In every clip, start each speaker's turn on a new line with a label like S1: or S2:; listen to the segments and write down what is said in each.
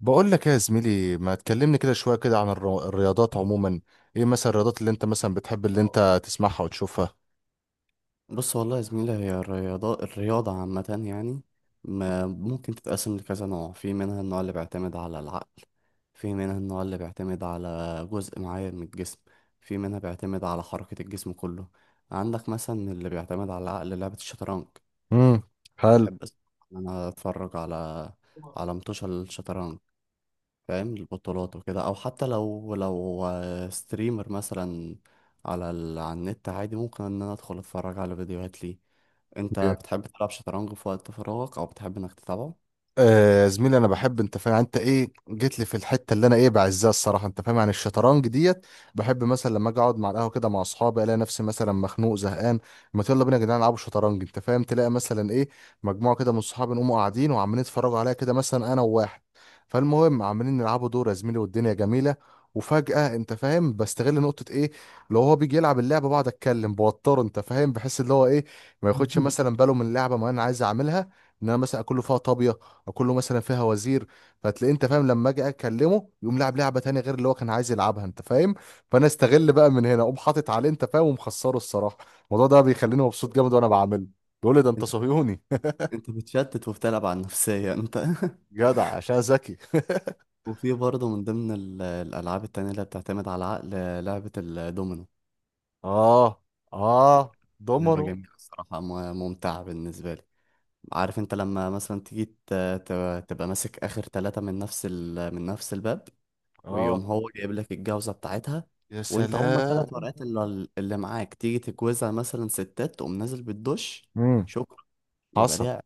S1: بقول لك إيه يا زميلي، ما تكلمني كده شوية كده عن الرياضات عموما. ايه مثلا الرياضات اللي انت مثلا بتحب، اللي انت تسمعها وتشوفها؟
S2: بص والله يا زميلي، هي الرياضة عامة يعني ما ممكن تتقسم لكذا نوع. في منها النوع اللي بيعتمد على العقل، في منها النوع اللي بيعتمد على جزء معين من الجسم، في منها بيعتمد على حركة الجسم كله. عندك مثلا اللي بيعتمد على العقل لعبة الشطرنج.
S1: امم. حلو.
S2: بحب أس- أنا أتفرج على متوشة الشطرنج، فاهم، البطولات وكده، أو حتى لو ستريمر مثلا على النت عادي، ممكن إن أنا أدخل أتفرج على فيديوهات ليه. انت بتحب تلعب شطرنج في وقت فراغك، او بتحب انك تتابعه؟
S1: آه يا زميلي، انا بحب، انت فاهم، انت ايه جيت لي في الحته اللي انا ايه بعزها الصراحه، انت فاهم يعني الشطرنج ديت. بحب مثلا لما اجي اقعد مع القهوه كده مع اصحابي، الاقي نفسي مثلا مخنوق زهقان. ما يلا بينا يا جدعان نلعبوا شطرنج، انت فاهم، تلاقي مثلا ايه مجموعه كده من صحابي نقوموا قاعدين وعمالين يتفرجوا عليا كده، مثلا انا وواحد. فالمهم عمالين نلعبوا دور يا زميلي والدنيا جميله. وفجأة انت فاهم بستغل نقطة ايه، لو هو بيجي يلعب اللعبة بقعد اتكلم بوتره، انت فاهم، بحس اللي هو ايه ما ياخدش مثلا باله من اللعبة. ما انا عايز اعملها ان انا مثلا اكله فيها طابية، كله مثلا فيها وزير. فتلاقيه، انت فاهم، لما اجي اكلمه يقوم لعب لعبه تانية غير اللي هو كان عايز يلعبها، انت فاهم. فانا استغل بقى من هنا، اقوم حاطط عليه انت فاهم ومخسره الصراحه. الموضوع ده بيخليني مبسوط جامد وانا بعمله. بيقول لي ده انت
S2: انت
S1: صهيوني.
S2: انت بتشتت وبتلعب على النفسية انت.
S1: جدع عشان ذكي.
S2: وفي برضه من ضمن الالعاب التانية اللي بتعتمد على العقل لعبة الدومينو.
S1: اه، اه،
S2: لعبة
S1: ضمنه.
S2: جميلة الصراحة، ممتعة بالنسبة لي. عارف انت لما مثلا تيجي تبقى ماسك اخر ثلاثة من من نفس الباب، ويقوم
S1: اه.
S2: هو جايب لك الجوزة بتاعتها،
S1: يا
S2: وانت هما ثلاث
S1: سلام.
S2: ورقات اللي معاك، تيجي تجوزها مثلا ستات تقوم نازل بالدش.
S1: امم.
S2: شكرا، يبقى
S1: حصل.
S2: ليها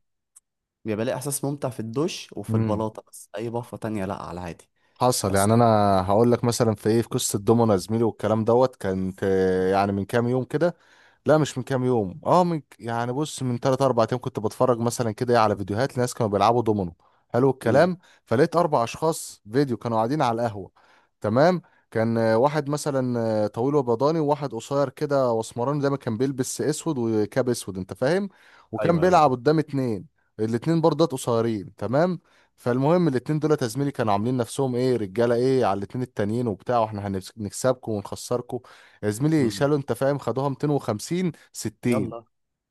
S2: بيبقى ليه احساس ممتع في الدش وفي
S1: امم.
S2: البلاطه، بس اي بفه تانية لا، على عادي.
S1: حصل
S2: بس،
S1: يعني. انا هقول لك مثلا في ايه، في قصه الدومنه يا زميلي والكلام دوت، كانت يعني من كام يوم كده. لا مش من كام يوم، اه، من يعني بص من 3 4 ايام كنت بتفرج مثلا كده إيه على فيديوهات لناس كانوا بيلعبوا دومينو. حلو
S2: امم،
S1: الكلام. فلقيت اربع اشخاص فيديو كانوا قاعدين على القهوة. تمام. كان واحد مثلا طويل وبيضاني، وواحد قصير كده واسمراني دايما كان بيلبس اسود وكاب اسود، انت فاهم. وكان
S2: ايوه ايوه
S1: بيلعب
S2: ايوه،
S1: قدام اتنين. الاتنين برضه قصيرين، تمام. فالمهم الاتنين دول يا زميلي كانوا عاملين نفسهم ايه، رجاله ايه على الاتنين التانيين وبتاع، واحنا هنكسبكم ونخسركم. يا زميلي
S2: امم،
S1: شالوا، انت فاهم، خدوها 250 60،
S2: يلا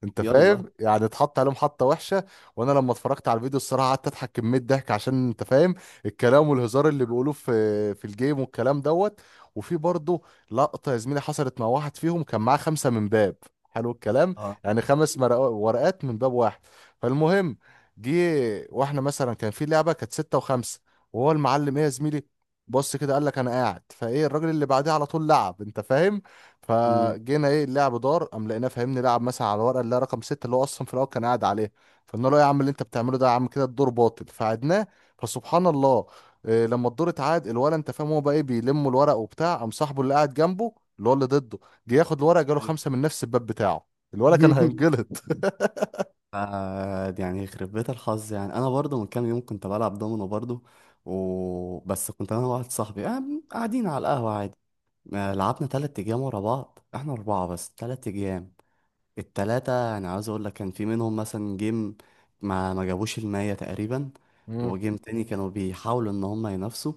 S1: انت
S2: يلا،
S1: فاهم يعني اتحط عليهم حطه وحشه. وانا لما اتفرجت على الفيديو الصراحه قعدت اضحك كميه ضحك، عشان انت فاهم الكلام والهزار اللي بيقولوه في في الجيم والكلام دوت. وفي برضه لقطه يا زميلي حصلت مع واحد فيهم، كان معاه خمسه من باب. حلو الكلام.
S2: اه،
S1: يعني ورقات من باب واحد. فالمهم جه، واحنا مثلا كان في لعبه كانت سته وخمسه، وهو المعلم، ايه يا زميلي، بص كده قال لك انا قاعد فايه، الراجل اللي بعديه على طول لعب، انت فاهم.
S2: امم،
S1: فجينا ايه، اللعب دار، قام لقيناه فاهمني لعب مثلا على الورقه اللي هي رقم ستة، اللي هو اصلا في الاول كان قاعد عليها. فقلنا له يا عم اللي انت بتعمله ده يا عم كده الدور باطل، فعدناه. فسبحان الله، إيه، لما الدور اتعاد الولد، انت فاهم، هو بقى ايه بيلم الورق وبتاع، قام صاحبه اللي قاعد جنبه اللي هو اللي ضده جه ياخد الورق، جاله
S2: ايوه.
S1: خمسه من نفس الباب بتاعه. الولد كان هينجلط.
S2: آه، يعني يخرب بيت الحظ. يعني انا برضو من كام يوم كنت بلعب دومينو برضو بس، كنت انا واحد صاحبي، آه، قاعدين على القهوه عادي. آه، لعبنا 3 ايام ورا بعض، احنا اربعه، بس 3 ايام. التلاتة انا عاوز اقول لك كان في منهم مثلا جيم ما جابوش 100 تقريبا،
S1: مم.
S2: وجيم تاني كانوا بيحاولوا ان هم ينافسوا،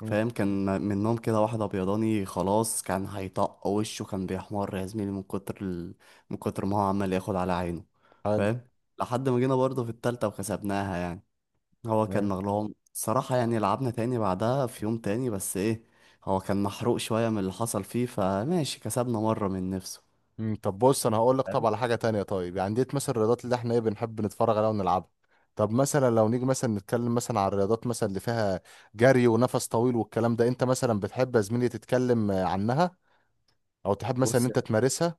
S1: مم.
S2: فاهم. كان منهم كده واحد ابيضاني خلاص، كان هيطق وشه، كان بيحمر يا زميلي من كتر ما هو عمال ياخد على عينه،
S1: حلو.
S2: فاهم. لحد ما جينا برضه في التالتة وكسبناها يعني. هو كان مغلوب صراحة. يعني لعبنا تاني بعدها في يوم تاني، بس ايه، هو كان محروق شوية من اللي حصل فيه، فماشي كسبنا مرة من نفسه.
S1: مم، طب بص انا هقول لك، طب
S2: فاهم؟
S1: على حاجه تانية طيب، يعني ديت مثلا الرياضات اللي احنا ايه بنحب نتفرج عليها ونلعبها. طب مثلا لو نيجي مثلا نتكلم مثلا على الرياضات مثلا اللي فيها جري ونفس طويل والكلام ده، انت مثلا بتحب يا زميلي تتكلم عنها، او تحب مثلا ان
S2: بص
S1: انت تمارسها؟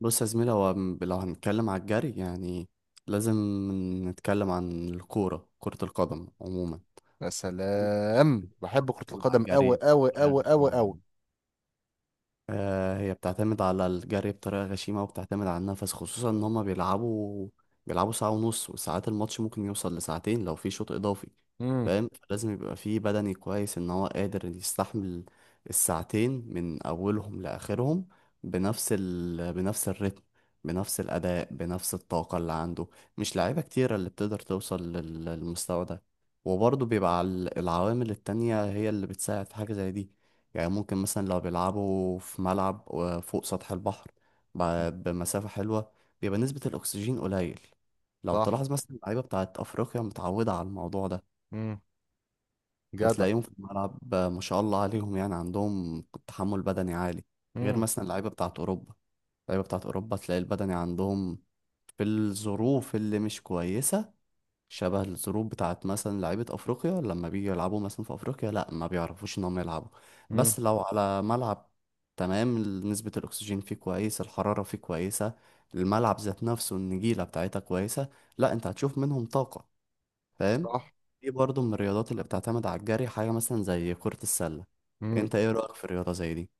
S2: بص يا زميلي، لو هنتكلم على الجري، يعني لازم نتكلم عن الكورة، كرة القدم عموما،
S1: يا
S2: فاهم،
S1: سلام،
S2: عشان
S1: بحب كرة
S2: تعتمد على
S1: القدم قوي
S2: الجري
S1: قوي
S2: بطريقة
S1: قوي قوي
S2: غشيمة
S1: قوي.
S2: يعني. آه، هي بتعتمد على الجري بطريقة غشيمة، وبتعتمد على النفس، خصوصا ان هما بيلعبوا ساعة ونص، وساعات الماتش ممكن يوصل لساعتين لو في شوط اضافي.
S1: امم.
S2: فاهم، فلازم يبقى فيه بدني كويس، ان هو قادر يستحمل الساعتين من اولهم لاخرهم بنفس الريتم، بنفس الاداء، بنفس الطاقة اللي عنده. مش لعيبة كتيرة اللي بتقدر توصل للمستوى ده. وبرضه بيبقى العوامل التانية هي اللي بتساعد في حاجة زي دي. يعني ممكن مثلا لو بيلعبوا في ملعب فوق سطح البحر بمسافة حلوة، بيبقى نسبة الأكسجين قليل. لو
S1: صح.
S2: تلاحظ مثلا اللعيبة بتاعت أفريقيا متعودة على الموضوع ده،
S1: امم. جدع.
S2: فتلاقيهم في الملعب ما شاء الله عليهم، يعني عندهم تحمل بدني عالي، غير
S1: امم.
S2: مثلا اللعيبة بتاعت أوروبا. اللعيبة بتاعت أوروبا تلاقي البدني عندهم في الظروف اللي مش كويسة، شبه الظروف بتاعت مثلا لعيبة أفريقيا، لما بيجوا يلعبوا مثلا في أفريقيا لأ، ما بيعرفوش إن هم يلعبوا.
S1: امم.
S2: بس لو على ملعب، تمام، نسبة الأكسجين فيه كويس، الحرارة فيه كويسة، الملعب ذات نفسه النجيلة بتاعتها كويسة، لأ، أنت هتشوف منهم طاقة، فاهم. دي برضه من الرياضات اللي بتعتمد على الجري. حاجة مثلا زي كرة السلة،
S1: صح.
S2: أنت إيه رأيك في الرياضة زي دي؟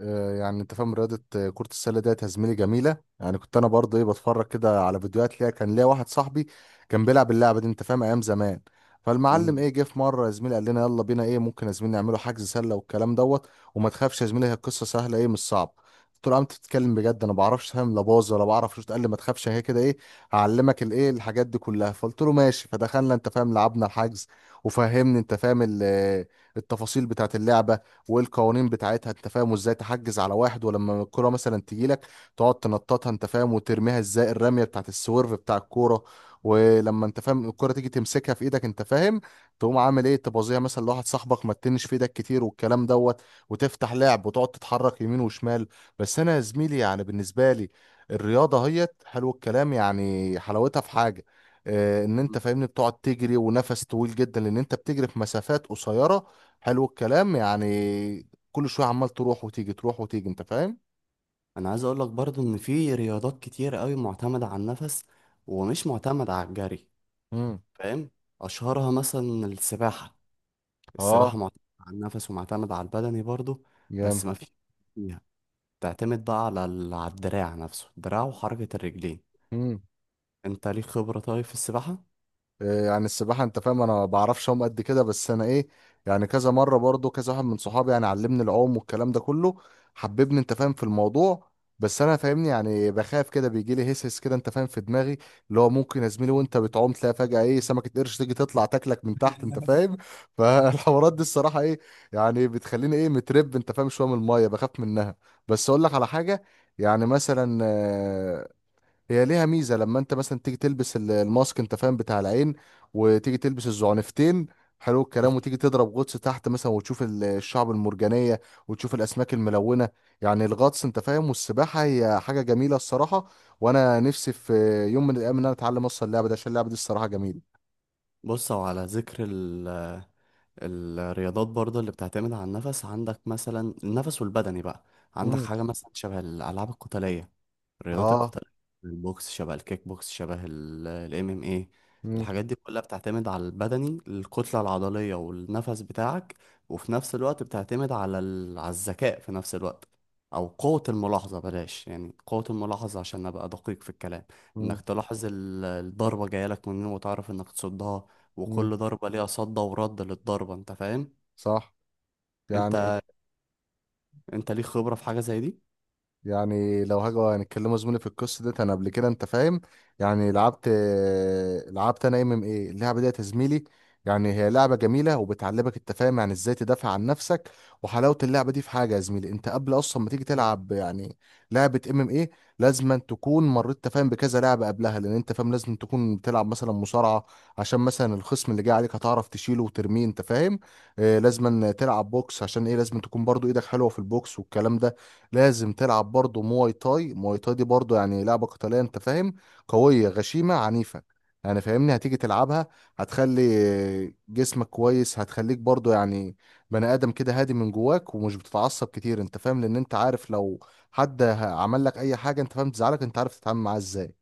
S1: آه، يعني انت فاهم، رياضة كرة السلة ديت يا زميلي جميلة. يعني كنت انا برضه ايه بتفرج كده على فيديوهات ليها. كان ليا واحد صاحبي كان بيلعب اللعبة دي، انت فاهم، ايام زمان. فالمعلم
S2: مم.
S1: ايه جه في مرة يا زميلي قال لنا يلا بينا ايه، ممكن يا زميلي نعمله حجز سلة والكلام دوت، وما تخافش يا زميلي هي القصة سهلة، ايه، مش صعبة. قلت له يا عم انت بتتكلم بجد، انا ما بعرفش فاهم، لا باظ ولا بعرف شوت. قال لي ما تخافش، هي كده ايه، هعلمك الايه الحاجات دي كلها. فقلت له ماشي، فدخلنا انت فاهم لعبنا الحجز. وفهمني انت فاهم التفاصيل بتاعت اللعبة والقوانين بتاعتها، انت فاهم، وازاي تحجز على واحد، ولما الكرة مثلا تجيلك تقعد تنططها، انت فاهم، وترميها ازاي الرمية بتاعت السويرف بتاع الكورة. ولما انت فاهم الكرة تيجي تمسكها في ايدك، انت فاهم، تقوم عامل ايه تبوظيها مثلا لواحد صاحبك، ما تتنش في ايدك كتير والكلام دوت، وتفتح لعب وتقعد تتحرك يمين وشمال. بس انا يا زميلي يعني بالنسبة لي الرياضة هيت، حلو الكلام، يعني حلاوتها في حاجة، ان انت
S2: مم.
S1: فاهمني بتقعد تجري ونفس طويل جدا، لان انت بتجري في مسافات قصيره. حلو الكلام. يعني كل شويه عمال تروح وتيجي تروح وتيجي، انت فاهم.
S2: أنا عايز أقولك برضه إن في رياضات كتير قوي معتمدة على النفس ومش معتمدة على الجري،
S1: امم.
S2: فاهم. اشهرها مثلا السباحه.
S1: اه،
S2: السباحه معتمده على النفس ومعتمده على البدني برضو،
S1: جامد.
S2: بس ما فيش فيها، تعتمد بقى على الدراع، نفسه الدراع وحركه الرجلين.
S1: مم.
S2: انت ليك خبره طيب في السباحه؟
S1: إيه يعني السباحة، انت فاهم انا بعرفش اعوم قد كده، بس انا ايه يعني كذا مرة برضو كذا واحد من صحابي يعني علمني العوم والكلام ده كله، حببني انت فاهم في الموضوع. بس انا فاهمني يعني بخاف كده، بيجي لي هسهس كده انت فاهم في دماغي، اللي هو ممكن يا زميلي وانت بتعوم تلاقي فجأة ايه سمكة قرش تيجي تطلع تاكلك من تحت، انت فاهم. فالحوارات دي الصراحة ايه يعني بتخليني ايه مترب، انت فاهم، شوية من المية بخاف منها. بس اقول لك على حاجة، يعني مثلا هي ليها ميزه لما انت مثلا تيجي تلبس الماسك، انت فاهم، بتاع العين، وتيجي تلبس الزعنفتين، حلو الكلام، وتيجي تضرب غطس تحت مثلا وتشوف الشعب المرجانيه وتشوف الاسماك الملونه. يعني الغطس، انت فاهم، والسباحه هي حاجه جميله الصراحه. وانا نفسي في يوم من الايام ان انا اتعلم اصلا اللعبه دي، عشان اللعبه دي الصراحه جميله.
S2: بص، هو على ذكر الرياضات برضه اللي بتعتمد على النفس، عندك مثلا النفس والبدني بقى، عندك
S1: مم.
S2: حاجة مثلا شبه الألعاب القتالية، الرياضات
S1: اه.
S2: القتالية، البوكس، شبه الكيك بوكس، شبه الام ام ايه.
S1: مم.
S2: الحاجات دي كلها بتعتمد على البدني، الكتلة العضلية والنفس بتاعك، وفي نفس الوقت بتعتمد على الذكاء في نفس الوقت، او قوة الملاحظة، بلاش يعني قوة الملاحظة عشان ابقى دقيق في الكلام.
S1: مم.
S2: انك تلاحظ الضربة جاية لك منين، وتعرف انك تصدها،
S1: مم.
S2: وكل ضربة ليها صد ورد للضربة، انت فاهم.
S1: صح. يعني،
S2: انت انت ليك خبرة في حاجة زي دي؟
S1: يعني لو هاجوا هنتكلموا زميلي في القصه ديت، انا قبل كده، انت فاهم، يعني لعبت، لعبت انا ام ام ايه اللعبه ديت يا زميلي. يعني هي لعبه جميله وبتعلمك، انت فاهم، يعني ازاي تدافع عن نفسك. وحلاوه اللعبه دي في حاجه يا زميلي، انت قبل اصلا ما تيجي
S2: مم.
S1: تلعب يعني لعبه ام ام ايه، لازم أن تكون مريت أنت فاهم بكذا لعبه قبلها، لان انت فاهم لازم تكون بتلعب مثلا مصارعه، عشان مثلا الخصم اللي جاي عليك هتعرف تشيله وترميه، انت فاهم. آه، لازم أن تلعب بوكس، عشان ايه لازم تكون برضو ايدك حلوه في البوكس والكلام ده. لازم تلعب برضه مواي تاي. مواي تاي دي برضه يعني لعبة قتالية، انت فاهم، قوية غشيمة عنيفة. يعني فاهمني هتيجي تلعبها، هتخلي جسمك كويس، هتخليك برضه يعني بني آدم كده هادي من جواك ومش بتتعصب كتير، انت فاهم، لان انت عارف لو حد عمل لك اي حاجة، انت فاهم، تزعلك، انت عارف تتعامل معاه ازاي.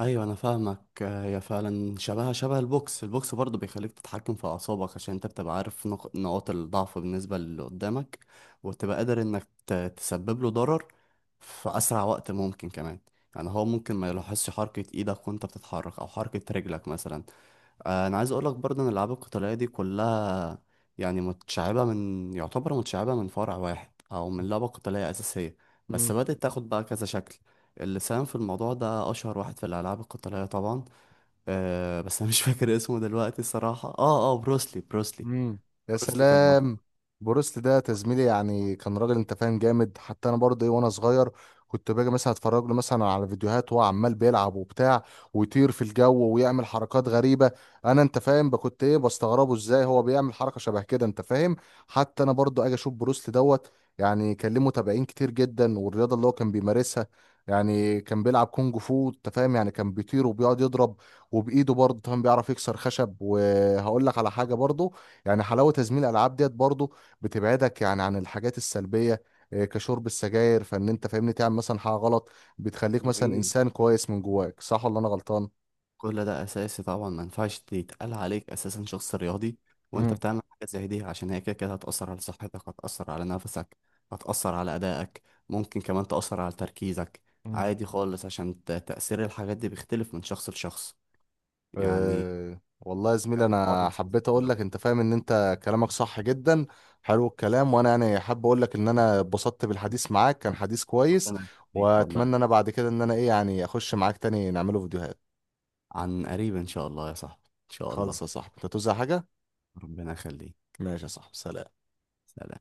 S2: ايوه انا فاهمك. آه، هي فعلا شبهها شبه البوكس. البوكس برضه بيخليك تتحكم في اعصابك، عشان انت بتبقى عارف نقاط الضعف بالنسبه للي قدامك، وتبقى قادر انك تسبب له ضرر في اسرع وقت ممكن كمان. يعني هو ممكن ما يلاحظش حركه ايدك وانت بتتحرك، او حركه رجلك مثلا. آه، انا عايز اقول لك برضه ان الالعاب القتاليه دي كلها، يعني متشعبه من يعتبر متشعبه من فرع واحد، او من لعبه قتاليه اساسيه، بس بدات تاخد بقى كذا شكل. اللي ساهم في الموضوع ده اشهر واحد في الالعاب القتاليه طبعا، بس انا مش فاكر اسمه دلوقتي الصراحه. اه بروسلي، بروسلي.
S1: امم. يا
S2: بروسلي كان
S1: سلام.
S2: مشهور.
S1: بروست ده تزميلي يعني كان راجل، انت فاهم، جامد. حتى انا برضه ايه وانا صغير كنت باجي مثلا اتفرج له مثلا على فيديوهات وهو عمال بيلعب وبتاع، ويطير في الجو ويعمل حركات غريبه. انا انت فاهم بقى كنت ايه بستغربه ازاي هو بيعمل حركه شبه كده، انت فاهم. حتى انا برضه اجي اشوف بروست دوت. يعني كان ليه متابعين كتير جدا، والرياضه اللي هو كان بيمارسها يعني كان بيلعب كونج فو، انت فاهم. يعني كان بيطير وبيقعد يضرب، وبايده برضه فاهم بيعرف يكسر خشب. وهقول لك على
S2: بالظبط.
S1: حاجه برضه، يعني حلاوة تزميل الألعاب ديت برضو بتبعدك يعني عن الحاجات السلبية، إيه، كشرب السجاير، فإن أنت فاهمني تعمل مثلا حاجة غلط، بتخليك مثلا
S2: جميل.
S1: إنسان كويس من جواك. صح ولا أنا غلطان؟
S2: كل ده اساسي طبعا، ما ينفعش يتقال عليك اساسا شخص رياضي وانت
S1: مم.
S2: بتعمل حاجه زي دي، عشان هي كده كده هتاثر على صحتك، هتاثر على نفسك، هتاثر على ادائك، ممكن كمان تاثر على تركيزك.
S1: مم.
S2: عادي خالص، عشان تاثير الحاجات دي بيختلف من شخص لشخص. يعني
S1: أه والله يا زميلي
S2: كان حوار
S1: انا
S2: لذيذ
S1: حبيت اقول لك،
S2: بصراحة.
S1: انت فاهم، ان انت كلامك صح جدا. حلو الكلام، وانا يعني حابب اقول لك ان انا اتبسطت بالحديث معاك، كان حديث كويس.
S2: ربنا يخليك والله.
S1: واتمنى انا بعد كده ان انا ايه يعني اخش معاك تاني نعمله فيديوهات.
S2: عن قريب ان شاء الله يا صاحبي، ان شاء
S1: خالص
S2: الله.
S1: يا صاحبي، انت توزع حاجة.
S2: ربنا يخليك.
S1: ماشي يا صاحبي، سلام.
S2: سلام.